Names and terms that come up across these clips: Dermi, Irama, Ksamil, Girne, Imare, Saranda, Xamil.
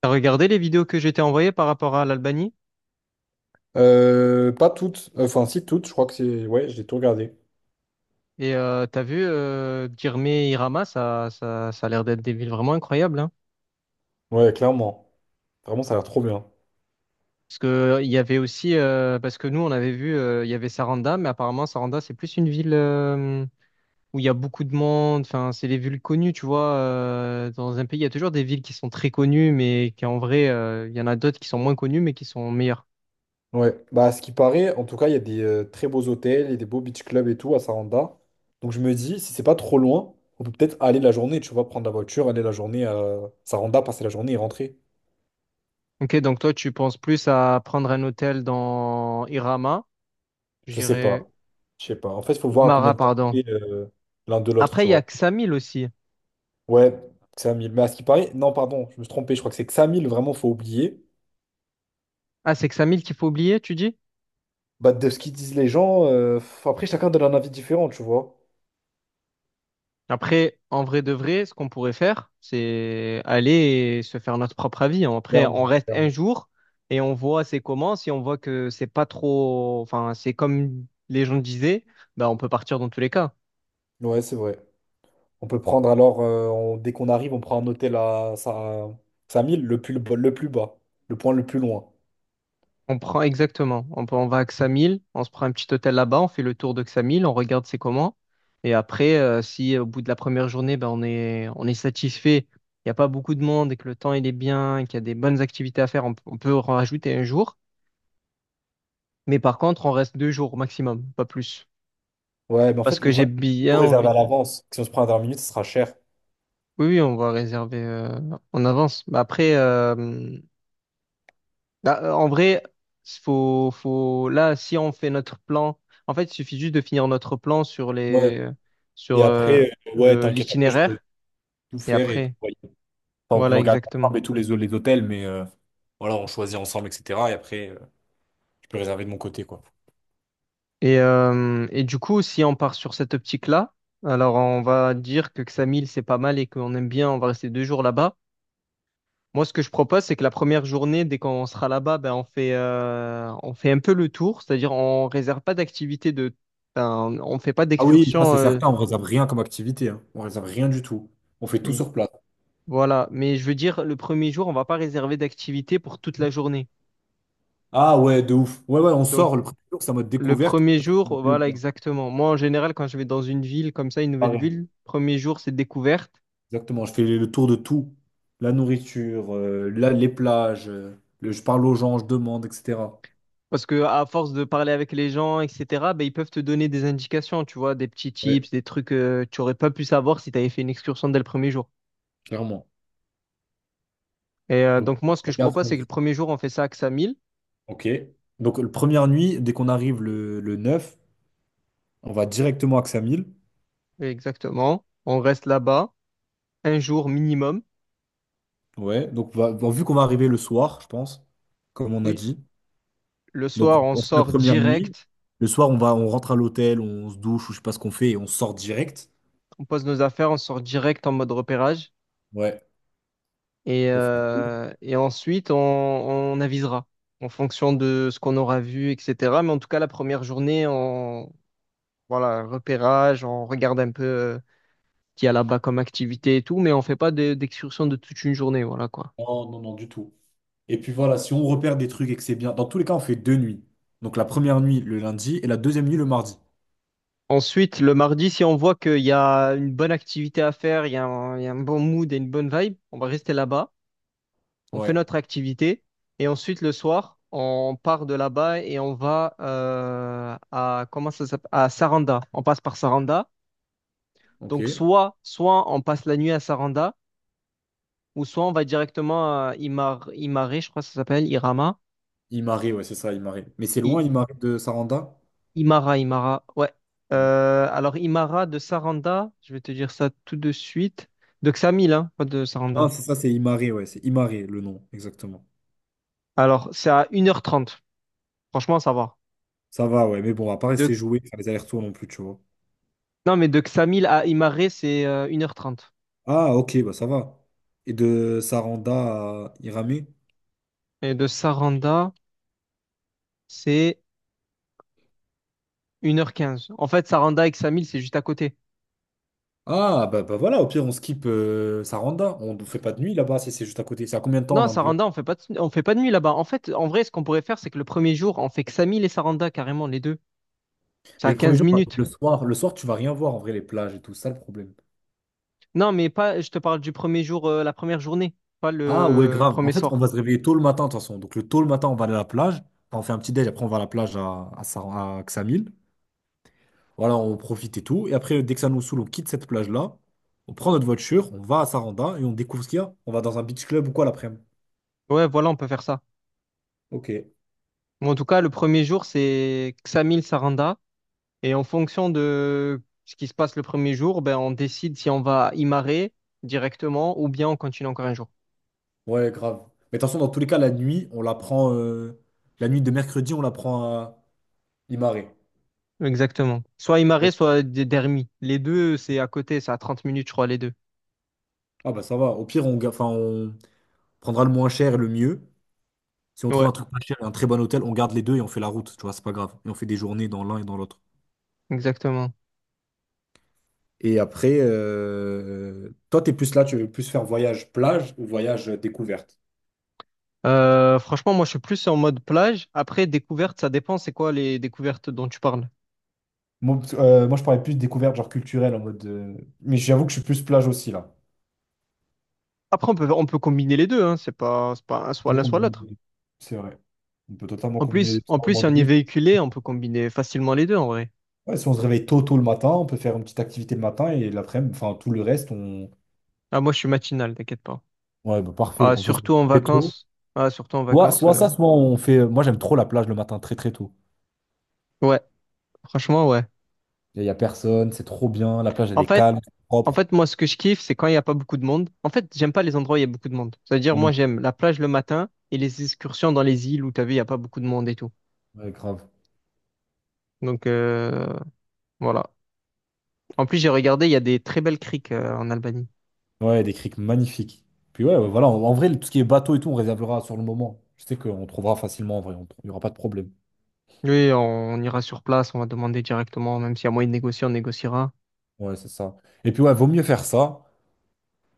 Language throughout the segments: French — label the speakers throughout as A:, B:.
A: T'as regardé les vidéos que j'étais t'ai envoyées par rapport à l'Albanie
B: Pas toutes. Enfin, si toutes, je crois que c'est. Ouais, j'ai tout regardé.
A: et t'as vu Girne et Irama, ça a l'air d'être des villes vraiment incroyables, hein.
B: Ouais, clairement. Vraiment, ça a l'air trop bien.
A: Parce que il y avait aussi, parce que nous on avait vu, il y avait Saranda, mais apparemment Saranda c'est plus une ville où il y a beaucoup de monde. Enfin, c'est les villes connues, tu vois. Dans un pays, il y a toujours des villes qui sont très connues, mais qui en vrai, il y en a d'autres qui sont moins connues, mais qui sont meilleures.
B: Ouais. Bah, à ce qui paraît, en tout cas, il y a des très beaux hôtels, il y a des beaux beach clubs et tout à Saranda. Donc, je me dis, si c'est pas trop loin, on peut peut-être aller la journée, tu vois, prendre la voiture, aller la journée à Saranda, passer la journée et rentrer.
A: Ok, donc toi tu penses plus à prendre un hôtel dans Irama,
B: Je sais pas.
A: j'irais
B: Je sais pas. En fait, il faut voir à combien
A: Mara,
B: de temps
A: pardon.
B: c'est l'un de l'autre,
A: Après,
B: tu
A: il y a
B: vois.
A: Xamil aussi.
B: Ouais, 5000. Mais à ce qui paraît, non, pardon, je me suis trompé. Je crois que c'est que 5000, vraiment, faut oublier.
A: Ah, c'est Xamil qu'il faut oublier, tu dis?
B: Bah, de ce qu'ils disent les gens, après chacun donne un avis différent, tu vois.
A: Après, en vrai de vrai, ce qu'on pourrait faire, c'est aller et se faire notre propre avis. Après, on
B: Clairement,
A: reste un
B: clairement.
A: jour et on voit c'est comment. Si on voit que c'est pas trop, enfin, c'est comme les gens disaient, bah, on peut partir dans tous les cas.
B: Ouais, c'est vrai. On peut prendre alors, dès qu'on arrive, on prend un hôtel à, 5000, le plus, le plus bas, le point le plus loin.
A: On prend exactement. On va à Xamil, on se prend un petit hôtel là-bas, on fait le tour de Xamil, on regarde c'est comment. Et après, si au bout de la première journée, ben, on est satisfait, il n'y a pas beaucoup de monde et que le temps il est bien, et qu'il y a des bonnes activités à faire, on peut en rajouter un jour. Mais par contre, on reste 2 jours au maximum, pas plus.
B: Ouais, mais en
A: Parce
B: fait, le
A: que j'ai
B: problème, c'est qu'il faut tout
A: bien
B: réserver à
A: envie.
B: l'avance. Si on se prend à dernière minute, ce sera cher.
A: Oui, oui, on va réserver en avance. Mais après, bah, en vrai, faut, là, si on fait notre plan, en fait, il suffit juste de finir notre plan sur
B: Ouais.
A: sur
B: Et
A: euh,
B: après, ouais, t'inquiète, après, je peux
A: l'itinéraire
B: tout
A: et
B: faire et tout.
A: après,
B: Voyer. Enfin, on peut
A: voilà,
B: regarder
A: exactement.
B: ensemble et tous les hôtels, mais voilà, on choisit ensemble, etc. Et après, je peux réserver de mon côté, quoi.
A: Et du coup, si on part sur cette optique-là, alors on va dire que Xamil, c'est pas mal et qu'on aime bien, on va rester 2 jours là-bas. Moi, ce que je propose, c'est que la première journée, dès qu'on sera là-bas, ben, on fait un peu le tour, c'est-à-dire on réserve pas d'activité de, ben, on fait pas
B: Ah oui, ça
A: d'excursion.
B: c'est certain, on réserve rien comme activité, hein. On réserve rien du tout. On fait tout sur place.
A: Voilà, mais je veux dire, le premier jour, on va pas réserver d'activité pour toute la journée.
B: Ah ouais, de ouf. Ouais, ouais, on
A: Donc,
B: sort le premier jour, c'est en mode
A: le
B: découverte.
A: premier
B: Ça me
A: jour,
B: plaît ou
A: voilà,
B: pas.
A: exactement. Moi, en général, quand je vais dans une ville comme ça, une nouvelle
B: Pareil,
A: ville, premier jour, c'est découverte.
B: exactement. Je fais le tour de tout. La nourriture, les plages, je parle aux gens, je demande, etc.
A: Parce que à force de parler avec les gens, etc., ben, ils peuvent te donner des indications, tu vois, des petits
B: Ouais,
A: tips, des trucs que tu aurais pas pu savoir si tu avais fait une excursion dès le premier jour.
B: clairement.
A: Et
B: Donc,
A: donc, moi, ce
B: on
A: que je
B: regarde ce
A: propose,
B: qu'on
A: c'est que le
B: dit.
A: premier jour, on fait ça à Ksamil.
B: Ok. Donc, la première nuit, dès qu'on arrive le 9, on va directement à Xamil.
A: Exactement. On reste là-bas, un jour minimum.
B: Ouais. Donc, bon, vu qu'on va arriver le soir, je pense, comme on a
A: Oui,
B: dit.
A: le
B: Donc,
A: soir,
B: on,
A: on
B: on fait la
A: sort
B: première nuit.
A: direct.
B: Le soir, on rentre à l'hôtel, on se douche ou je sais pas ce qu'on fait et on sort direct.
A: On pose nos affaires, on sort direct en mode repérage
B: Ouais.
A: et,
B: On fait tout.
A: euh, et ensuite on avisera en fonction de ce qu'on aura vu, etc. Mais en tout cas, la première journée, voilà, repérage, on regarde un peu ce qu'il y a là-bas comme activité et tout, mais on fait pas d'excursion de toute une journée, voilà quoi.
B: Non, non, non, du tout. Et puis voilà, si on repère des trucs et que c'est bien, dans tous les cas, on fait deux nuits. Donc, la première nuit le lundi et la deuxième nuit le mardi.
A: Ensuite, le mardi, si on voit qu'il y a une bonne activité à faire, il y a un bon mood et une bonne vibe, on va rester là-bas. On fait
B: Ouais.
A: notre activité et ensuite le soir, on part de là-bas et on va à comment ça s'appelle? À Saranda. On passe par Saranda.
B: Ok.
A: Donc soit on passe la nuit à Saranda ou soit on va directement à Imare, je crois que ça s'appelle Irama.
B: Imare, ouais, c'est ça, Imare. Mais c'est
A: I-
B: loin, Imare de Saranda?
A: Imara. Ouais. Alors, Imara de Saranda, je vais te dire ça tout de suite. De Xamil, hein, pas de Saranda.
B: Non, c'est ça, c'est Imare, ouais, c'est Imare le nom, exactement.
A: Alors, c'est à 1h30. Franchement, ça va.
B: Ça va, ouais, mais bon, on va pas rester
A: De...
B: jouer, faire les allers-retours non plus, tu vois.
A: Non, mais de Xamil à Imare, c'est 1h30.
B: Ah, ok, bah ça va. Et de Saranda à Iramé?
A: Et de Saranda, c'est 1h15. En fait, Saranda et Xamil, c'est juste à côté.
B: Ah, bah, bah voilà, au pire, on skip Saranda. On ne fait pas de nuit là-bas si c'est juste à côté. C'est à combien de temps
A: Non,
B: l'un de l'autre?
A: Saranda, on fait pas de, nuit là-bas. En fait, en vrai, ce qu'on pourrait faire, c'est que le premier jour, on fait Xamil et Saranda, carrément, les deux. C'est
B: Mais
A: à
B: le premier
A: 15
B: jour,
A: minutes.
B: le soir, tu vas rien voir en vrai, les plages et tout ça, le problème.
A: Non, mais pas, je te parle du premier jour, la première journée, pas
B: Ah, ouais,
A: le
B: grave. En
A: premier
B: fait, on
A: soir.
B: va se réveiller tôt le matin, de toute façon. Donc, le tôt le matin, on va aller à la plage. Enfin, on fait un petit déj. Après, on va à la plage à Ksamil. Voilà, on profite et tout. Et après, dès que ça nous saoule, on quitte cette plage-là. On prend notre voiture, on va à Saranda et on découvre ce qu'il y a. On va dans un beach club ou quoi l'après-midi.
A: Ouais, voilà, on peut faire ça.
B: Ok.
A: Bon, en tout cas, le premier jour, c'est Xamil, Saranda. Et en fonction de ce qui se passe le premier jour, ben, on décide si on va y marrer directement ou bien on continue encore un jour.
B: Ouais, grave. Mais attention, dans tous les cas, la nuit, on la prend. La nuit de mercredi, on la prend à Imare.
A: Exactement. Soit Imare,
B: Donc,
A: soit Dermi. Les deux, c'est à côté, c'est à 30 minutes, je crois, les deux.
B: ah bah ça va. Au pire, enfin, on prendra le moins cher et le mieux. Si on trouve
A: Ouais.
B: un truc pas cher et un très bon hôtel, on garde les deux et on fait la route. Tu vois, c'est pas grave. Et on fait des journées dans l'un et dans l'autre.
A: Exactement.
B: Et après, toi, t'es plus là, tu veux plus faire voyage plage ou voyage découverte?
A: Franchement, moi, je suis plus en mode plage. Après, découverte, ça dépend, c'est quoi les découvertes dont tu parles.
B: Moi, je parlais plus de découverte, genre culturelle, en mode. Mais j'avoue que je suis plus plage aussi, là.
A: Après, on peut combiner les deux, hein. C'est pas
B: On
A: soit
B: peut
A: l'un, soit
B: combiner
A: l'autre.
B: les deux. C'est vrai. On peut totalement combiner les deux.
A: En
B: À un
A: plus,
B: moment
A: si on y est
B: donné.
A: véhiculé, on peut combiner facilement les deux, en vrai.
B: Ouais, si on se réveille tôt, tôt le matin, on peut faire une petite activité le matin et l'après-midi, enfin tout le reste, on.
A: Ah, moi, je suis matinal, t'inquiète pas.
B: Ouais, bah, parfait.
A: Ah,
B: On peut se
A: surtout en
B: lever tôt.
A: vacances. Ah, surtout en
B: Soit,
A: vacances.
B: soit ça, soit on fait. Moi, j'aime trop la plage le matin, très très tôt.
A: Ouais, franchement, ouais.
B: Il n'y a personne, c'est trop bien. La plage, elle
A: En
B: est
A: fait,
B: calme,
A: En
B: propre.
A: fait, moi, ce que je kiffe, c'est quand il n'y a pas beaucoup de monde. En fait, j'aime pas les endroits où il y a beaucoup de monde. C'est-à-dire,
B: Non,
A: moi,
B: non,
A: j'aime la plage le matin et les excursions dans les îles où, t'as vu, il n'y a pas beaucoup de monde et tout.
B: ouais, grave.
A: Donc, voilà. En plus, j'ai regardé, il y a des très belles criques en Albanie.
B: Ouais, des criques magnifiques. Puis ouais, ouais, voilà. En vrai, tout ce qui est bateau et tout, on réservera sur le moment. Je sais qu'on trouvera facilement en vrai. Il n'y aura pas de problème.
A: Oui, on ira sur place, on va demander directement, même s'il y a moyen de négocier, on négociera.
B: Ouais, c'est ça. Et puis ouais, vaut mieux faire ça,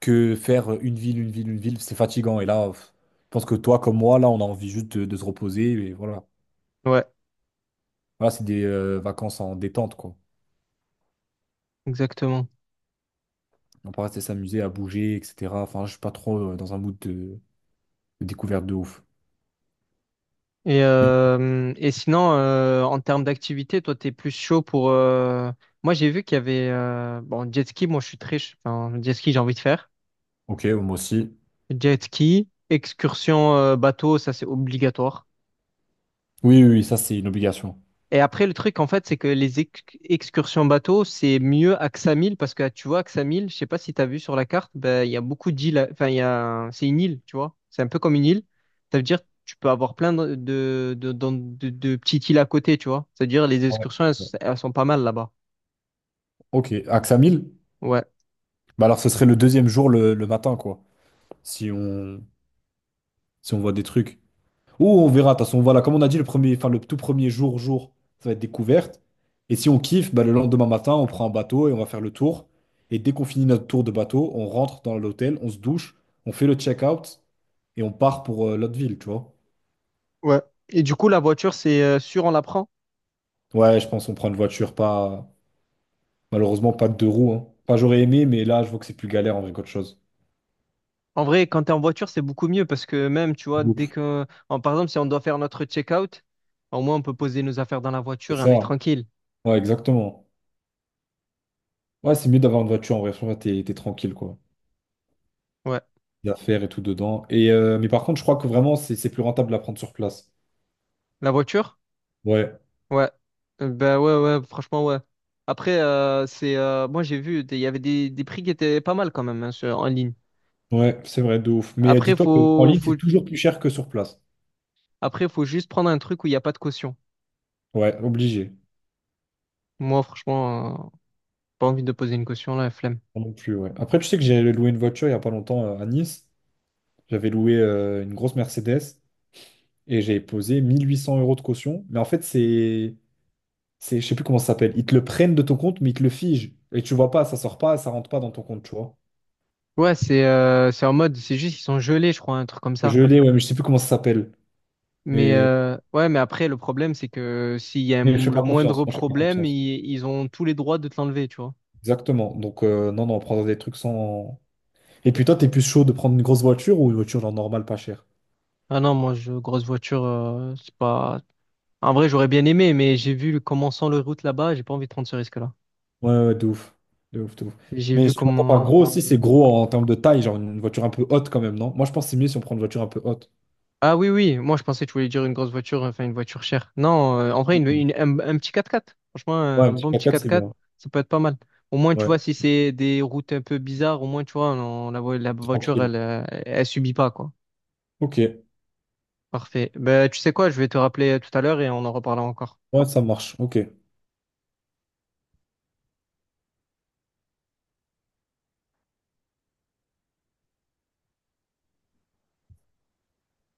B: que faire une ville, une ville, une ville, c'est fatigant. Et là, pff, je pense que toi, comme moi, là, on a envie juste de se reposer. Et voilà.
A: Ouais,
B: Voilà, c'est des vacances en détente, quoi.
A: exactement.
B: On peut rester s'amuser à bouger, etc. Enfin, je suis pas trop dans un mood de découverte de ouf.
A: Et,
B: Bon,
A: euh, et sinon, en termes d'activité, toi, t'es plus chaud pour... Moi, j'ai vu qu'il y avait... bon, jet ski, moi, je suis très... Enfin, jet ski, j'ai envie de faire.
B: ok, moi aussi.
A: Jet ski, excursion bateau, ça c'est obligatoire.
B: Oui, oui, oui, ça, c'est une obligation.
A: Et après, le truc, en fait, c'est que les excursions bateau, c'est mieux à Ksamil parce que tu vois, Ksamil, je sais pas si tu as vu sur la carte, ben, il y a beaucoup d'îles. Enfin, il y a... c'est une île, tu vois. C'est un peu comme une île. Ça veut dire tu peux avoir plein de petites îles à côté, tu vois. C'est-à-dire les
B: Ouais.
A: excursions, elles sont pas mal là-bas.
B: Ok, Axamil?
A: Ouais.
B: Bah alors, ce serait le deuxième jour le matin, quoi. Si on, si on voit des trucs. Ou on verra, de toute façon, voilà, comme on a dit, le premier, enfin, le tout premier jour, ça va être découverte. Et si on kiffe, bah, le lendemain matin, on prend un bateau et on va faire le tour. Et dès qu'on finit notre tour de bateau, on rentre dans l'hôtel, on se douche, on fait le check-out et on part pour l'autre ville, tu vois.
A: Ouais. Et du coup, la voiture, c'est sûr, on la prend?
B: Ouais, je pense qu'on prend une voiture, pas malheureusement pas de deux roues, hein. Enfin, j'aurais aimé, mais là, je vois que c'est plus galère en vrai qu'autre chose.
A: En vrai, quand t'es en voiture, c'est beaucoup mieux parce que même, tu vois, dès
B: Ouf.
A: que, par exemple, si on doit faire notre check-out, au moins on peut poser nos affaires dans la
B: C'est
A: voiture et on est
B: ça.
A: tranquille.
B: Ouais, exactement. Ouais, c'est mieux d'avoir une voiture en vrai. Franchement, t'es tranquille, quoi.
A: Ouais.
B: Les affaires et tout dedans. Mais par contre, je crois que vraiment, c'est plus rentable de la prendre sur place.
A: La voiture?
B: Ouais,
A: Ouais. Ben ouais, ouais, franchement, ouais. Après, moi j'ai vu, des- il y avait des prix qui étaient pas mal quand même hein, en ligne.
B: ouais, c'est vrai, de ouf. Mais
A: Après,
B: dis-toi que en ligne, c'est toujours plus cher que sur place.
A: faut juste prendre un truc où il n'y a pas de caution.
B: Ouais, obligé.
A: Moi, franchement, pas envie de poser une caution là, flemme.
B: Moi non plus, ouais. Après, tu sais que j'ai loué une voiture il n'y a pas longtemps à Nice. J'avais loué une grosse Mercedes et j'ai posé 1 800 euros de caution. Mais en fait, c'est. Je sais plus comment ça s'appelle. Ils te le prennent de ton compte, mais ils te le figent. Et tu vois pas, ça sort pas, ça rentre pas dans ton compte, tu vois.
A: Ouais, c'est en mode, c'est juste ils sont gelés, je crois, un truc comme ça.
B: Je l'ai, ouais, mais je sais plus comment ça s'appelle.
A: Mais
B: Mais,
A: ouais, mais après, le problème, c'est que s'il y a
B: mais je fais
A: le
B: pas confiance.
A: moindre
B: Moi, je fais pas
A: problème,
B: confiance.
A: ils ont tous les droits de te l'enlever, tu vois.
B: Exactement. Donc, non, non, prendre des trucs sans. Et puis toi, t'es plus chaud de prendre une grosse voiture ou une voiture genre normale pas chère?
A: Ah non, moi, grosse voiture, c'est pas. En vrai, j'aurais bien aimé, mais j'ai vu comment sont les routes là-bas, j'ai pas envie de prendre ce risque-là.
B: Ouais, ouais, de ouf. De ouf, de ouf.
A: J'ai
B: Mais
A: vu
B: je trouve pas
A: comment.
B: gros aussi, c'est gros en termes de taille, genre une voiture un peu haute quand même, non? Moi, je pense que c'est mieux si on prend une voiture un peu haute.
A: Ah oui, oui, moi, je pensais que tu voulais dire une grosse voiture, enfin, une voiture chère. Non, en vrai, un petit quatre quatre. Franchement,
B: Ouais,
A: un
B: un petit
A: bon
B: quatre
A: petit
B: x
A: quatre
B: c'est
A: quatre
B: bien.
A: ça peut être pas mal. Au moins, tu
B: Ouais,
A: vois, si c'est des routes un peu bizarres, au moins, tu vois, la voiture,
B: tranquille.
A: elle subit pas, quoi.
B: Ok.
A: Parfait. Ben, tu sais quoi, je vais te rappeler tout à l'heure et on en reparlera encore.
B: Ouais, ça marche. Ok.